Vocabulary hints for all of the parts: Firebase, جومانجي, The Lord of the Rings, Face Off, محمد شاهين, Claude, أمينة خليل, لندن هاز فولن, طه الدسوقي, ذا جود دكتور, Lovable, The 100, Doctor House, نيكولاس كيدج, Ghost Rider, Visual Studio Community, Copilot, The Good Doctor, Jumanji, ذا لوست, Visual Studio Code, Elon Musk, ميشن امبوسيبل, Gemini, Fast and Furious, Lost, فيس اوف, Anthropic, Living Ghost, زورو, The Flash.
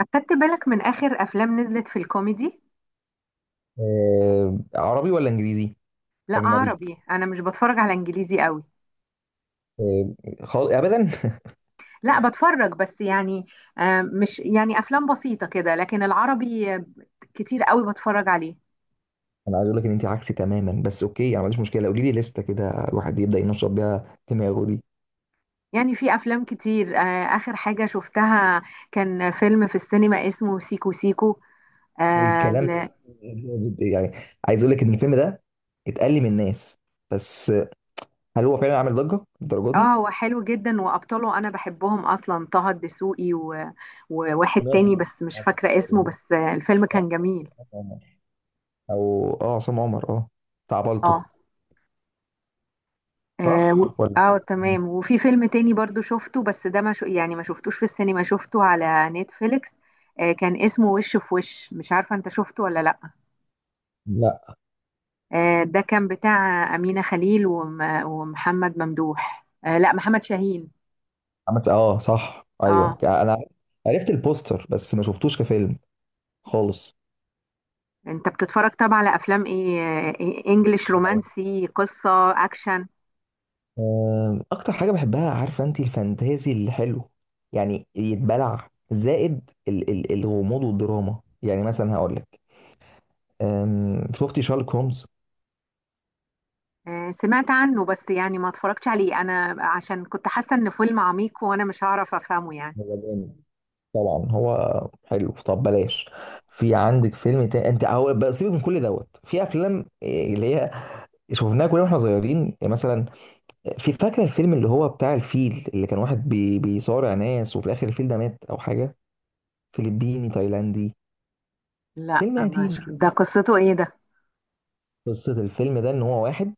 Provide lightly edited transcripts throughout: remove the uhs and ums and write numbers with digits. أخدت بالك من آخر أفلام نزلت في الكوميدي؟ آه، عربي ولا انجليزي؟ لا، اجنبي. عربي، أنا مش بتفرج على إنجليزي قوي. آه، ابدا. لا، بتفرج بس يعني مش يعني أفلام بسيطة كده، لكن العربي كتير قوي بتفرج عليه. انا عايز اقول لك ان انت عكسي تماما، بس اوكي، انا ما عنديش مشكله، قولي لي لسته كده الواحد يبدا ينشط بيها دماغه دي. يعني في أفلام كتير، آخر حاجة شفتها كان فيلم في السينما اسمه سيكو سيكو. آه الكلام، ل- يعني عايز اقول لك ان الفيلم ده اتقل من الناس، بس هل هو فعلا عامل ضجه الدرجه دي؟ هو حلو جدا، وأبطاله أنا بحبهم أصلا، طه الدسوقي و- وواحد سمعت تاني عن- بس مش فاكرة اسمه، بس الفيلم صح؟ كان جميل. او اه، عصام عمر، اه بتاع بالطو، آه صح ولا تمام. وفي فيلم تاني برضو شفته، بس ده ما شو يعني ما شفتوش في السينما، شفته على نتفليكس. كان اسمه وش في وش، مش عارفة انت شفته ولا لا. لا؟ آه، ده كان بتاع أمينة خليل وم- ومحمد ممدوح، لا، محمد شاهين. عملت اه، صح ايوه، اه، انا عرفت البوستر بس ما شفتوش كفيلم خالص. انت بتتفرج طبعا على افلام ايه؟ انجليش، أوي. رومانسي، قصة، اكشن. اكتر حاجه بحبها، عارفه انت، الفانتازي اللي حلو، يعني يتبلع، زائد ال الغموض والدراما. يعني مثلا هقول لك، شفتي شارلوك هومز؟ آه، سمعت عنه، بس يعني ما اتفرجتش عليه انا عشان كنت حاسة ان فيلم عميق، وانا مش هعرف افهمه يعني. هو جامد. طبعا هو حلو. طب بلاش. في عندك فيلم تاني، انت هو بقى سيبك من كل دوت، في افلام إيه، اللي هي شفناها كلنا واحنا صغيرين، يعني مثلا في فاكره الفيلم اللي هو بتاع الفيل، اللي كان واحد بي بيصارع ناس، وفي الاخر الفيل ده مات او حاجه. فلبيني تايلاندي. لا، فيلم ما قديم شف- كده. ده قصته ايه؟ ده قصة الفيلم ده إن هو واحد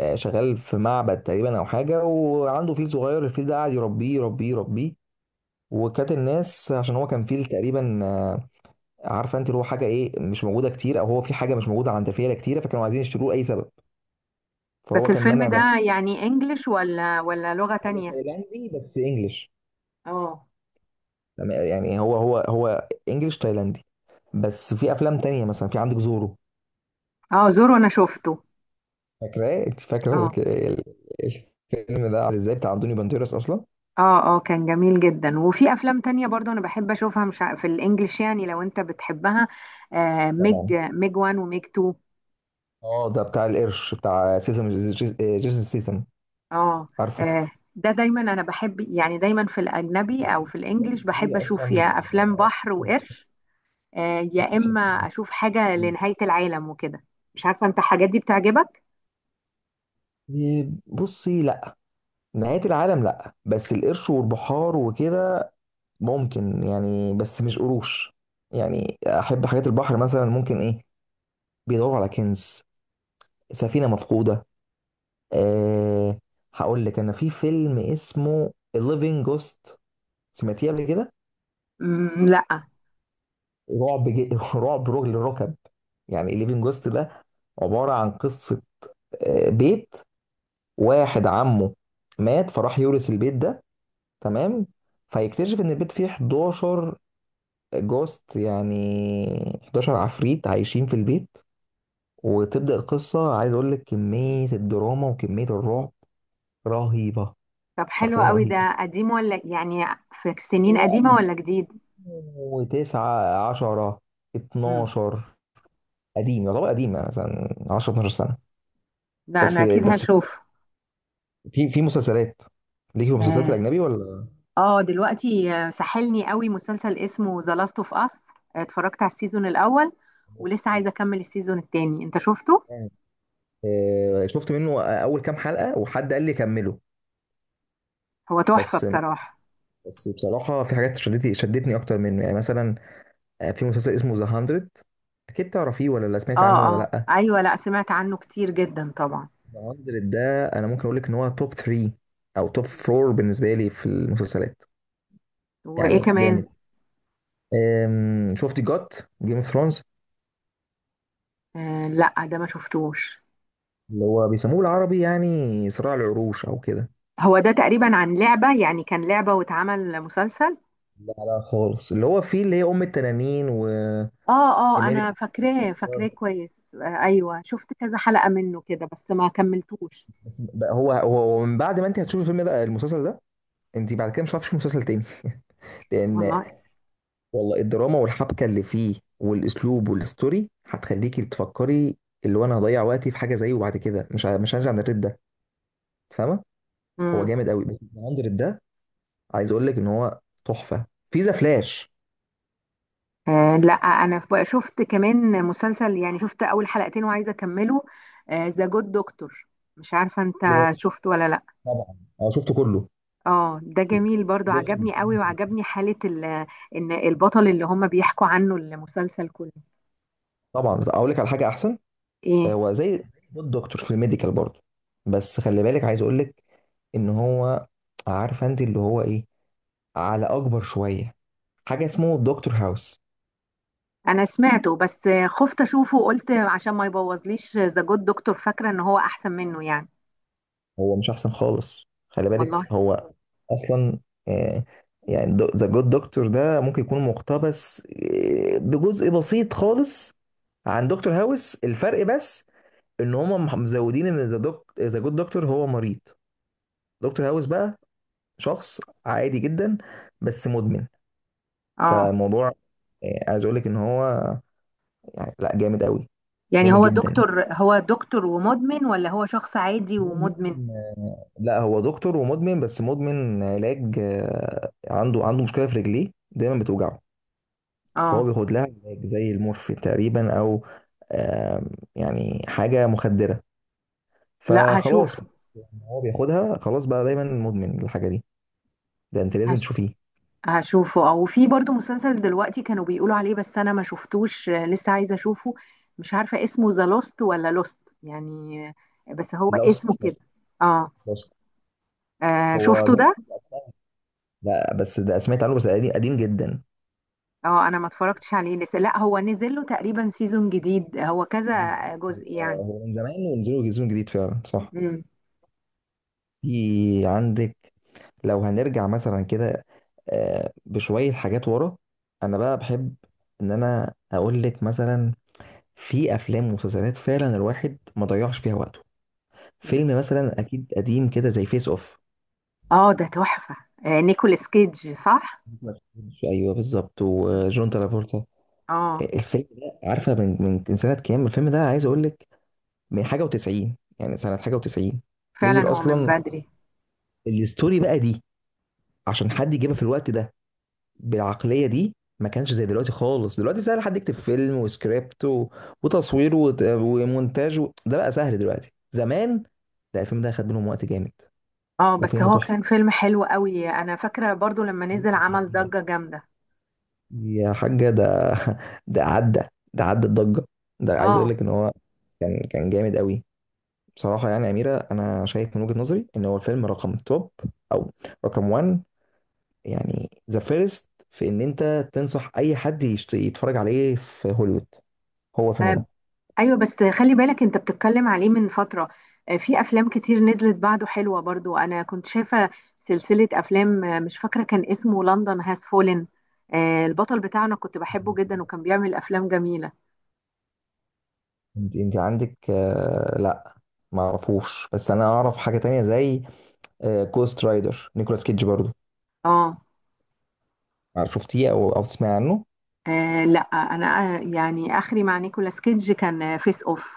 شغال في معبد تقريبا أو حاجة، وعنده فيل صغير، الفيل ده قاعد يربيه يربيه يربيه. وكانت الناس، عشان هو كان فيل تقريبا، عارفة أنت اللي هو حاجة إيه مش موجودة كتير، أو هو في حاجة مش موجودة عند فيلة كتيرة، فكانوا عايزين يشتروه لأي سبب، بس فهو كان الفيلم مانع ده. ده يعني انجليش ولا لغة هو تانية؟ تايلاندي بس إنجلش. اه. تمام، يعني هو إنجلش تايلاندي. بس في أفلام تانية، مثلا في عندك زورو، اه، زورو انا شفته. فاكراه أنت؟ فاكرة اه، الفيلم ده عامل إزاي، بتاع أنطونيو بانتيرس أصلا؟ اه، اه، كان جميل جدا. وفي افلام تانية برضو انا بحب اشوفها، مش ع- في الانجليش يعني لو انت بتحبها. ميج، طبعا. ميج وان، وميج تو. اه، ده بتاع القرش، بتاع سيسم جيسون سيسم، اه، عارفه؟ ده دايما انا بحب، يعني دايما في الاجنبي او في الانجليش لكن بحب هي اشوف اصلا يا افلام بحر وقرش، يا بتحب. اما اشوف حاجة لنهاية العالم وكده. مش عارفة انت الحاجات دي بتعجبك؟ إيه، بصي، لا، نهاية العالم لا، بس القرش والبحار وكده ممكن، يعني بس مش قروش، يعني احب حاجات البحر، مثلا ممكن ايه، بيدوروا على كنز، سفينة مفقودة. أه، هقول لك، انا في فيلم اسمه Living Ghost، سمعتيه قبل كده؟ مم، لا. رعب جي... رعب رجل الركب، يعني Living Ghost ده عبارة عن قصة بيت، واحد عمه مات فراح يورث البيت ده، تمام، فيكتشف ان البيت فيه 11 جوست، يعني 11 عفريت عايشين في البيت، وتبدأ القصة. عايز اقول لك، كمية الدراما وكمية الرعب رهيبة، طب حلو حرفيا قوي، ده رهيبة. قديم ولا يعني في سنين هو قديمة ولا جديد؟ 2009، 10، مم. 12. قديم، يعتبر قديم، يعني مثلا 10، 12 سنة. لا، بس انا اكيد بس هشوف. في في مسلسلات، ليك في المسلسلات اه. الأجنبي ولا؟ دلوقتي سحلني قوي مسلسل اسمه ذا لاست اوف اس. اتفرجت على السيزون الاول، ولسه عايزة اكمل السيزون التاني، انت شفته؟ شفت منه اول كام حلقه، وحد قال لي كمله. هو تحفة بس بصراحة. بس، بصراحه في حاجات شدتني شدتني اكتر منه، يعني مثلا في مسلسل اسمه ذا 100، اكيد تعرفيه ولا لا، سمعت عنه اه. ولا اه، لا؟ ايوه. لا، سمعت عنه كتير جدا طبعا. ذا 100، ده انا ممكن اقول لك ان هو توب 3، او توب 4 بالنسبه لي في المسلسلات. وايه يعني كمان؟ جامد. شفت جوت جيم اوف ثرونز؟ آه، لا، ده ما شفتوش. اللي هو بيسموه بالعربي، يعني صراع العروش او كده. هو ده تقريبا عن لعبة، يعني كان لعبة واتعمل مسلسل. لا لا خالص، اللي هو فيه اللي هي ام التنانين وايميلي. اه. اه، انا فاكراه فاكراه كويس. ايوه، شفت كذا حلقة منه كده بس ما كملتوش. هو من بعد ما انت هتشوف الفيلم ده المسلسل ده، انت بعد كده مش هتعرفش مسلسل تاني. لان، والله. والله الدراما والحبكه اللي فيه والاسلوب والستوري، هتخليكي تفكري اللي هو انا هضيع وقتي في حاجه زيه بعد كده، مش عايز عن الريد ده، فاهمه؟ هو امم. جامد قوي، بس الهاندرد ده عايز اقول لك ان هو تحفه. في ذا فلاش. لا، انا شفت كمان مسلسل، يعني شفت اول حلقتين وعايزة اكمله، ذا جود دكتور. مش عارفة انت جامد. شفته ولا لا. طبعا انا شفته كله. اه، ده جميل برضو، عجبني قوي، وعجبني حالة ان البطل اللي هم بيحكوا عنه المسلسل كله. طبعا، بس اقول لك على حاجه احسن. ايه؟ هو زي الدكتور في الميديكال برضه، بس خلي بالك، عايز اقول لك ان هو، عارفه انت اللي هو ايه، على اكبر شويه، حاجه اسمه دكتور هاوس. انا سمعته، بس خفت اشوفه وقلت عشان ما يبوظليش ذا جود دكتور. فاكرة ان هو احسن منه يعني. هو مش احسن خالص، خلي والله. بالك هو اصلا، آه، يعني ذا جود دكتور ده ممكن يكون مقتبس بجزء بسيط خالص عن دكتور هاوس. الفرق بس ان هم مزودين ان ذا دوك ذا جود دكتور هو مريض، دكتور هاوس بقى شخص عادي جدا، بس مدمن. اه. فالموضوع عايز اقول لك ان هو، يعني لا، جامد قوي، يعني جامد هو جدا. دكتور هو دكتور ومدمن ولا هو شخص عادي ومدمن؟ مدمن. لا، هو دكتور ومدمن، بس مدمن علاج. عنده مشكله في رجليه دايما بتوجعه، فهو اه. بياخد لها علاج زي المورفين تقريبا، او آه، يعني حاجه مخدره لا، فخلاص. هشوف. يعني هو بياخدها خلاص، بقى دايما مدمن الحاجه دي، ده انت لازم هش... تشوفيه. هشوفه. او في برضو مسلسل دلوقتي كانوا بيقولوا عليه، بس انا ما شفتوش، لسه عايزه اشوفه. مش عارفه اسمه ذا لوست ولا لوست يعني، بس هو اسمه لوست، كده. لوست، اه، لوست، هو شفته ده. ده. لا، بس ده سمعت عنه، بس قديم قديم جدا. اه، انا ما اتفرجتش عليه لسه. لا، هو نزل له تقريبا سيزون جديد، هو كذا بالظبط، جزء هو يعني. هو من زمان، ونزلوا جزء جديد فعلا، صح. مم. في عندك، لو هنرجع مثلا كده بشوية حاجات ورا، أنا بقى بحب إن أنا أقول لك مثلا في أفلام ومسلسلات فعلا الواحد ما ضيعش فيها وقته، فيلم مثلا أكيد قديم كده زي فيس أوف، اه، ده تحفه. نيكولاس كيدج، صح؟ ما تفهمش. أيوه بالظبط، مم. وجون ترافولتا. اه، الفيلم ده، عارفة من من سنة كام الفيلم ده؟ عايز أقول لك، من حاجة و90، يعني سنة حاجة و90 نزل فعلا هو من أصلا. بدري. الستوري بقى دي، عشان حد يجيبها في الوقت ده بالعقلية دي، ما كانش زي دلوقتي خالص. دلوقتي سهل حد يكتب فيلم وسكريبت و... وتصوير ومونتاج و...، ده بقى سهل دلوقتي. زمان لا، الفيلم ده خد منهم وقت جامد. اه، بس وفيلم هو تحفة، كان فيلم حلو قوي. انا فاكره برضو لما نزل عمل ضجه جامده. يا حاجة ده. ده عدى، ده عدى الضجة، ده عايز اقول اه، لك ان هو كان جامد قوي. بصراحة يعني يا أميرة، أنا شايف من وجهة نظري إن هو الفيلم رقم توب، أو رقم 1، يعني ذا فيرست في ان انت تنصح اي حد يتفرج عليه في هوليوود هو الفيلم آه، ده. ايوه بس خلي بالك انت بتتكلم عليه من فتره. في افلام كتير نزلت بعده حلوه برضو، انا كنت شايفه سلسله افلام، مش فاكره كان اسمه لندن هاز فولن. البطل بتاعنا كنت بحبه جدا وكان بيعمل افلام جميله. انت عندك، آه لا، ما اعرفوش، بس انا اعرف حاجه تانية زي آه، كوست رايدر، نيكولاس كيدج برضو. اه، شفتيه او تسمع عنه؟ لا، انا يعني اخري مع نيكولاس كيدج كان فيس اوف.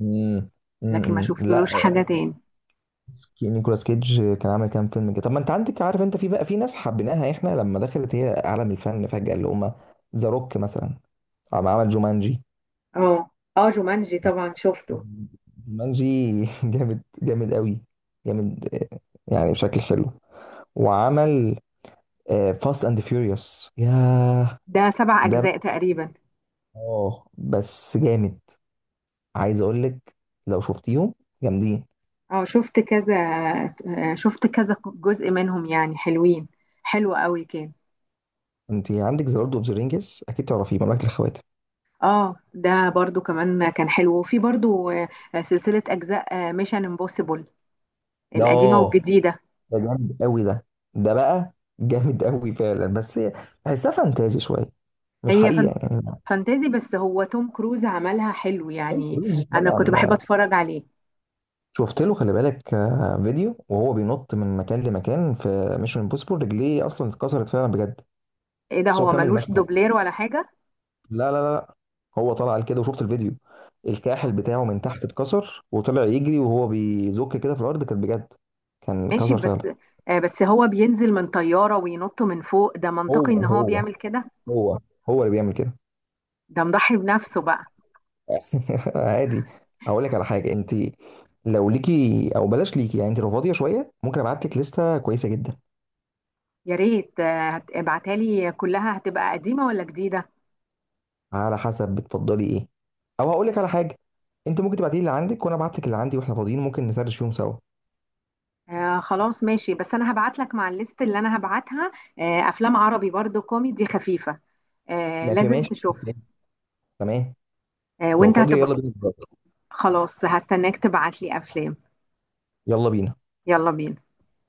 امم، لكن ما امم، لا. شفتلوش حاجه تاني. نيكولاس كيدج كان عامل كام فيلم كده. طب ما انت عندك، عارف انت، في بقى في ناس حبيناها احنا لما دخلت هي عالم الفن فجاه، اللي هم ذا روك مثلا عمل جومانجي، اه. اه، جومانجي طبعا شفته. مانجي. جامد، جامد قوي، جامد يعني، بشكل حلو. وعمل فاست اند فيوريوس، ياه ده سبع ده أجزاء بقى- تقريبا. اه بس جامد، عايز اقول لك لو شفتيهم جامدين. اه، شفت كذا. شفت كذا جزء منهم يعني حلوين. حلو قوي كان. انت عندك ذا لورد اوف ذا رينجز، اكيد تعرفيه، مملكة الخواتم. اه، ده برضو كمان كان حلو. وفي برضو سلسلة أجزاء ميشن امبوسيبل ده القديمة اه، والجديدة. ده جامد قوي ده، ده بقى جامد قوي فعلا، بس بحسها فانتازي شويه، مش هي حقيقه يعني. فانتازي، بس هو توم كروز عملها حلو طيب، يعني. رز أنا كنت بحب طبعا. أتفرج عليه. شفت له خلي بالك فيديو، وهو بينط من مكان لمكان في ميشن امبوسيبل، رجليه اصلا اتكسرت فعلا بجد، ايه ده، بس هو هو كمل ملوش المشهد. دوبلير ولا حاجة؟ لا لا لا لا. هو طلع قال كده وشفت الفيديو، آه. الكاحل بتاعه من تحت اتكسر، وطلع يجري وهو بيزك كده في الارض، كانت بجد كان ماشي كسر فعلا. بس. بس هو بينزل من طيارة وينط من فوق، ده منطقي إن هو هو هو بيعمل كده. هو هو اللي بيعمل كده. ده مضحي بنفسه بقى. عادي. اقول لك على حاجه، انت لو ليكي او بلاش ليكي، يعني انت لو فاضيه شويه، ممكن ابعت لك لسته كويسه جدا، يا ريت، ابعتها لي كلها، هتبقى قديمة ولا جديدة؟ على حسب بتفضلي ايه، او هقول لك على حاجه، انت ممكن تبعتي لي اللي عندك، وانا ابعت لك اللي عندي، واحنا فاضيين ممكن نسرش فيهم سوا. خلاص ماشي، بس انا هبعت لك مع الليست اللي انا هبعتها افلام عربي برضو كوميدي خفيفة، ما في لازم ماشي، تشوفها. تمام. لو وانت فاضيه هتبقى... يلا بينا دلوقتي، خلاص، هستناك تبعت لي افلام. يلا بينا. يلا بينا.